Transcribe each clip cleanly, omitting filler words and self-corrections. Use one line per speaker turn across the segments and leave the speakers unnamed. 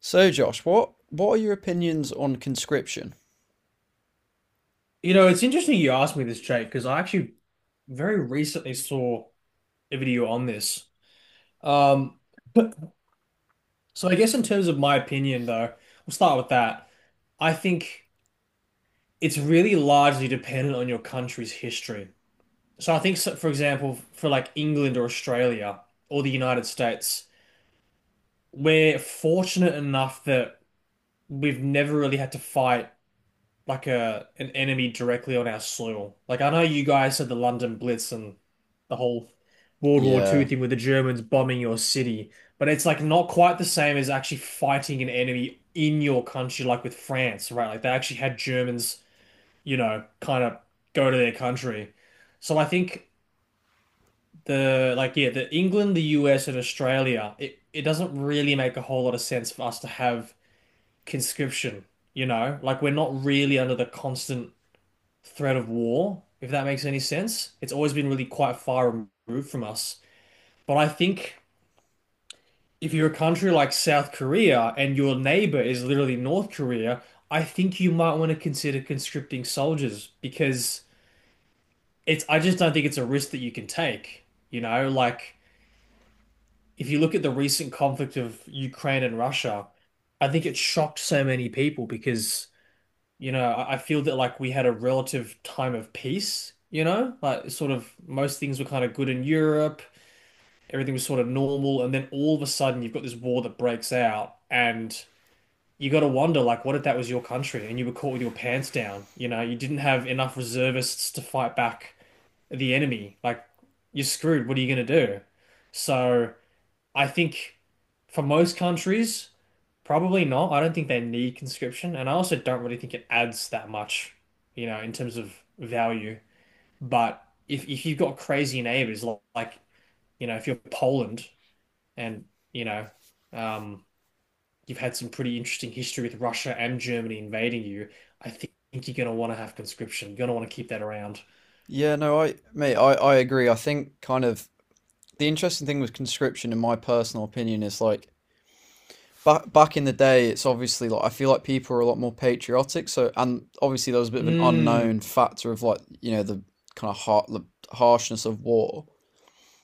So, Josh, what are your opinions on conscription?
You know, it's interesting you asked me this, Jake, because I actually very recently saw a video on this. Um, but so I guess in terms of my opinion, though, we'll start with that. I think it's really largely dependent on your country's history. So I think, so, for example, for like England or Australia or the United States, we're fortunate enough that we've never really had to fight like a an enemy directly on our soil. Like I know you guys had the London Blitz and the whole World War Two
Yeah.
thing with the Germans bombing your city, but it's like not quite the same as actually fighting an enemy in your country, like with France, right? Like they actually had Germans, you know, kind of go to their country. So I think the like yeah, the England, the US, and Australia, it doesn't really make a whole lot of sense for us to have conscription, you know? Like we're not really under the constant threat of war, if that makes any sense. It's always been really quite far removed from us. But I think if you're a country like South Korea and your neighbor is literally North Korea, I think you might want to consider conscripting soldiers because I just don't think it's a risk that you can take. You know, like if you look at the recent conflict of Ukraine and Russia, I think it shocked so many people because you know, I feel that like we had a relative time of peace, you know, like sort of most things were kind of good in Europe, everything was sort of normal, and then all of a sudden you've got this war that breaks out, and you got to wonder like, what if that was your country and you were caught with your pants down? You know, you didn't have enough reservists to fight back the enemy. Like, you're screwed. What are you gonna do? So. I think for most countries, probably not. I don't think they need conscription, and I also don't really think it adds that much, you know, in terms of value. But if you've got crazy neighbors like, you know, if you're Poland and you know, um, you've had some pretty interesting history with Russia and Germany invading you, I think you're going to want to have conscription. You're going to want to keep that around.
Yeah, no, I mate, I agree. I think kind of the interesting thing with conscription, in my personal opinion, is like back in the day. It's obviously like I feel like people are a lot more patriotic. So and obviously there was a bit of an
Mm,
unknown factor of like you know the kind of har the harshness of war.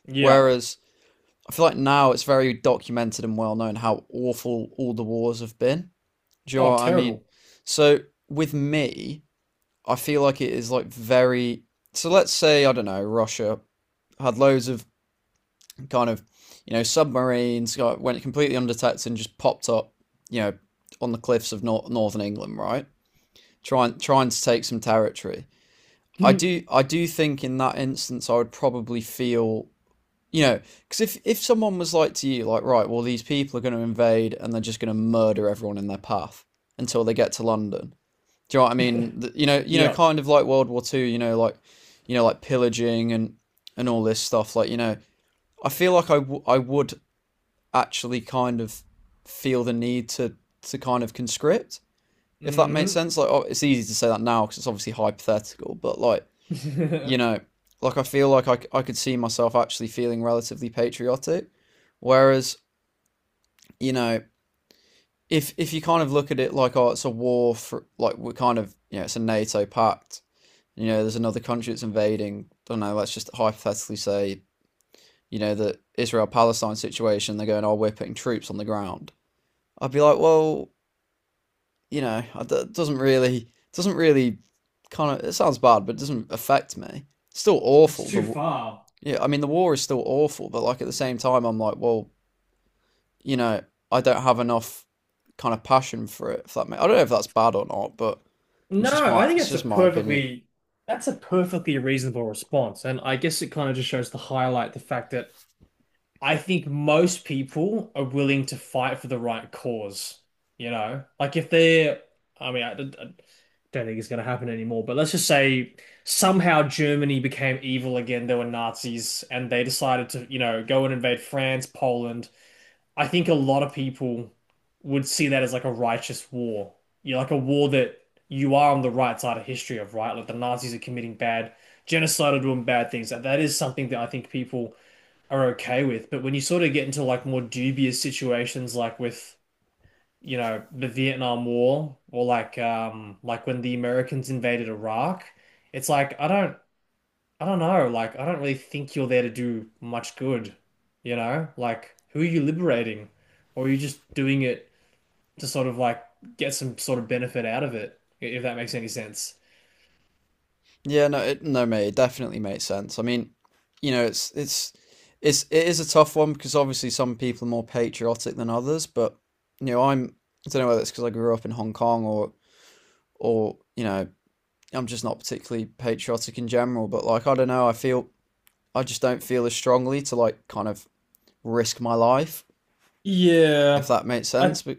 yeah.
Whereas I feel like now it's very documented and well known how awful all the wars have been. Do you know
Oh,
what I mean?
terrible.
So with me, I feel like it is like very. So let's say, I don't know, Russia had loads of kind of you know submarines, went completely undetected and just popped up you know on the cliffs of northern England, right, trying to take some territory. I do I do think in that instance I would probably feel, you know, because if someone was like to you like, right, well, these people are going to invade and they're just going to murder everyone in their path until they get to London, do you know what I mean? You know,
Yeah.
kind of like World War Two. You know, like pillaging and all this stuff. Like, you know, I feel like I would actually kind of feel the need to kind of conscript, if that makes sense.
Hmm.
Like, oh, it's easy to say that now because it's obviously hypothetical, but like, you know, like I feel like I could see myself actually feeling relatively patriotic, whereas you know. If you kind of look at it like, oh, it's a war for like we're kind of you know it's a NATO pact, you know, there's another country that's invading. I don't know, let's just hypothetically say, you know, the Israel Palestine situation, they're going, oh, we're putting troops on the ground. I'd be like, well, you know, it doesn't really kind of, it sounds bad, but it doesn't affect me. It's still
It's
awful.
too
The,
far.
yeah, I mean, the war is still awful, but like at the same time, I'm like, well, you know, I don't have enough kind of passion for it. If I don't know if that's bad or not, but it's just
No, I think
it's
that's a
just my opinion.
perfectly reasonable response. And I guess it kind of just shows to highlight the fact that I think most people are willing to fight for the right cause, you know? Like if they're I mean, I don't think it's going to happen anymore, but let's just say somehow Germany became evil again. There were Nazis and they decided to, you know, go and invade France, Poland. I think a lot of people would see that as like a righteous war. You're like a war that you are on the right side of history of, right? Like the Nazis are committing bad genocide or doing bad things. That is something that I think people are okay with. But when you sort of get into like more dubious situations, like with you know the Vietnam War or like when the Americans invaded Iraq, it's like I don't know. Like, I don't really think you're there to do much good, you know? Like, who are you liberating? Or are you just doing it to sort of like get some sort of benefit out of it, if that makes any sense?
Yeah, no, it, no, mate, it definitely makes sense. I mean, you know, it's it's it is a tough one because obviously some people are more patriotic than others, but you know, I'm I don't know whether it's because I grew up in Hong Kong or you know, I'm just not particularly patriotic in general, but like I don't know, I feel I just don't feel as strongly to like kind of risk my life, if
Yeah,
that makes
I
sense. But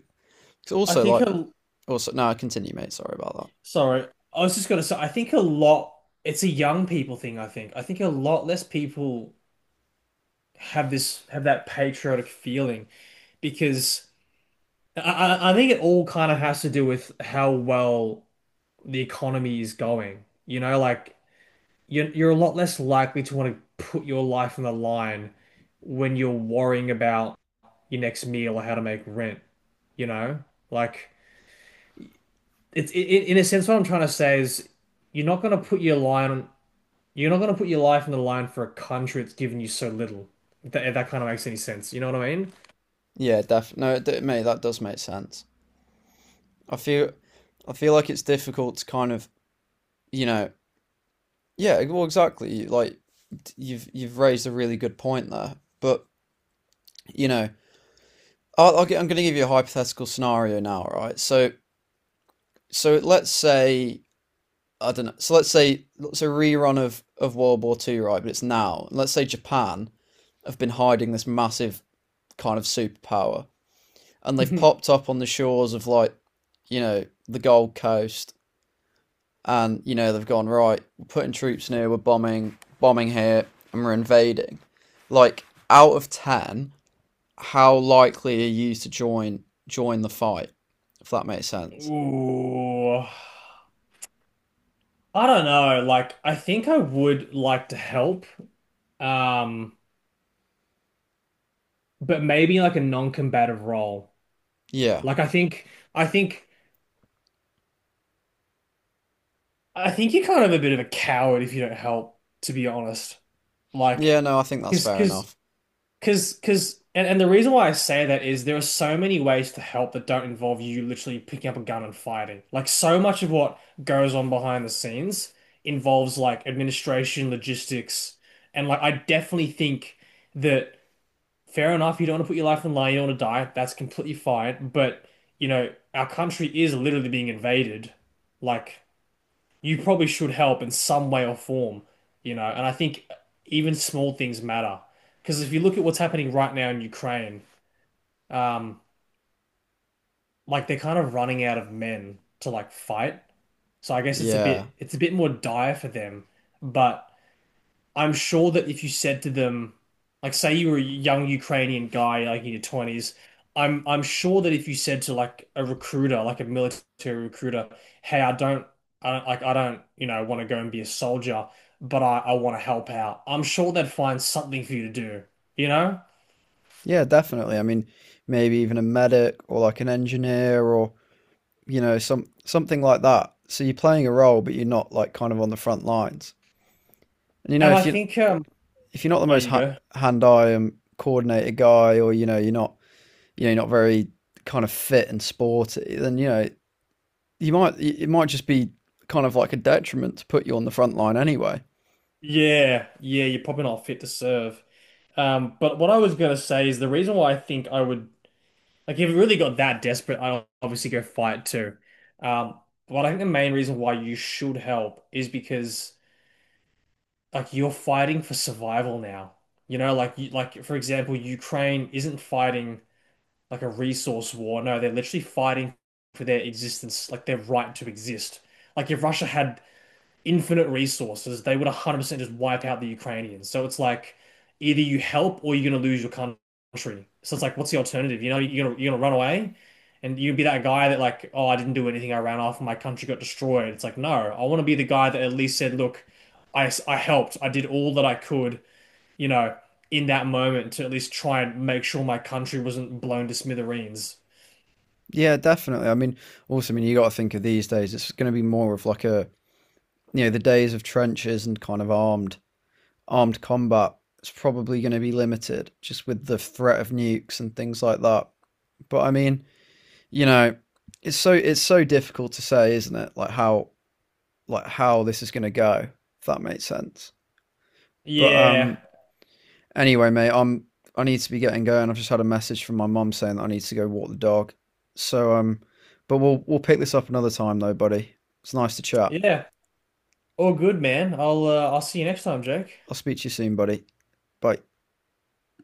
it's
I
also
think
like
a
also no, continue, mate. Sorry about that.
sorry. I was just gonna say, I think a lot, it's a young people thing, I think. I think a lot less people have that patriotic feeling because I think it all kind of has to do with how well, the economy is going. You know, like you're a lot less likely to want to put your life on the line when you're worrying about your next meal or how to make rent. You know, like in a sense what I'm trying to say is you're not going to put your line you're not going to put your life on the line for a country that's given you so little. If that kind of makes any sense, you know what I
Yeah, def no, mate, that does make sense. I feel I feel like it's difficult to kind of you know, yeah, e, well, exactly. Like you've raised a really good point there. But you know, I'm going to give you a hypothetical scenario now, right? So let's say, I don't know. So let's say it's a rerun of World War Two, right? But it's now. Let's say Japan have been hiding this massive kind of superpower, and they've
mean?
popped up on the shores of like you know the Gold Coast, and you know they've gone, right, we're putting troops near. We're bombing here, and we're invading. Like, out of ten, how likely are you to join the fight? If that makes sense.
Ooh, I don't know. Like, I think I would like to help. Um, but maybe like a non-combative role.
Yeah.
Like I think I think you're kind of a bit of a coward if you don't help, to be honest.
Yeah.
Like,
No, I think that's
because
fair
because
enough.
and the reason why I say that is there are so many ways to help that don't involve you literally picking up a gun and fighting. Like so much of what goes on behind the scenes involves like administration, logistics, and like I definitely think that fair enough, you don't want to put your life on the line, you don't want to die. That's completely fine. But, you know, our country is literally being invaded. Like, you probably should help in some way or form, you know. And I think even small things matter. Because if you look at what's happening right now in Ukraine, um, like they're kind of running out of men to like fight. So I guess
Yeah.
it's a bit more dire for them. But I'm sure that if you said to them, like say you were a young Ukrainian guy like in your 20s, I'm sure that if you said to like a recruiter, like a military recruiter, hey, I don't like I don't, you know, want to go and be a soldier, but I want to help out. I'm sure they'd find something for you to do, you know?
Yeah, definitely. I mean, maybe even a medic or like an engineer or you know some something like that. So you're playing a role, but you're not like kind of on the front lines. And you know,
And I
if you
think
if you're not the
there
most
you go.
hand-eye and coordinated guy, or you know, you're not you know, you're not very kind of fit and sporty, then you know you might it might just be kind of like a detriment to put you on the front line anyway.
Yeah, yeah, you're probably not fit to serve. But what I was gonna say is the reason why I think I would like if it really got that desperate, I'd obviously go fight too. Um, but I think the main reason why you should help is because like you're fighting for survival now. You know, like for example, Ukraine isn't fighting like a resource war. No, they're literally fighting for their existence, like their right to exist. Like if Russia had infinite resources, they would 100% just wipe out the Ukrainians. So it's like either you help or you're going to lose your country. So it's like, what's the alternative? You know, you're going to run away and you be that guy that like, oh, I didn't do anything. I ran off and my country got destroyed. It's like, no, I want to be the guy that at least said, look, I helped. I did all that I could, you know, in that moment to at least try and make sure my country wasn't blown to smithereens.
Yeah, definitely. I mean, also, I mean, you got to think of these days. It's going to be more of like a you know the days of trenches and kind of armed combat. It's probably going to be limited just with the threat of nukes and things like that. But I mean, you know, it's so difficult to say, isn't it? Like how this is going to go. If that makes sense. But
Yeah.
anyway, mate, I'm I need to be getting going. I've just had a message from my mum saying that I need to go walk the dog. So but we'll pick this up another time though, buddy. It's nice to chat.
Yeah. All good, man. I'll see you next time, Jake.
I'll speak to you soon, buddy. Bye.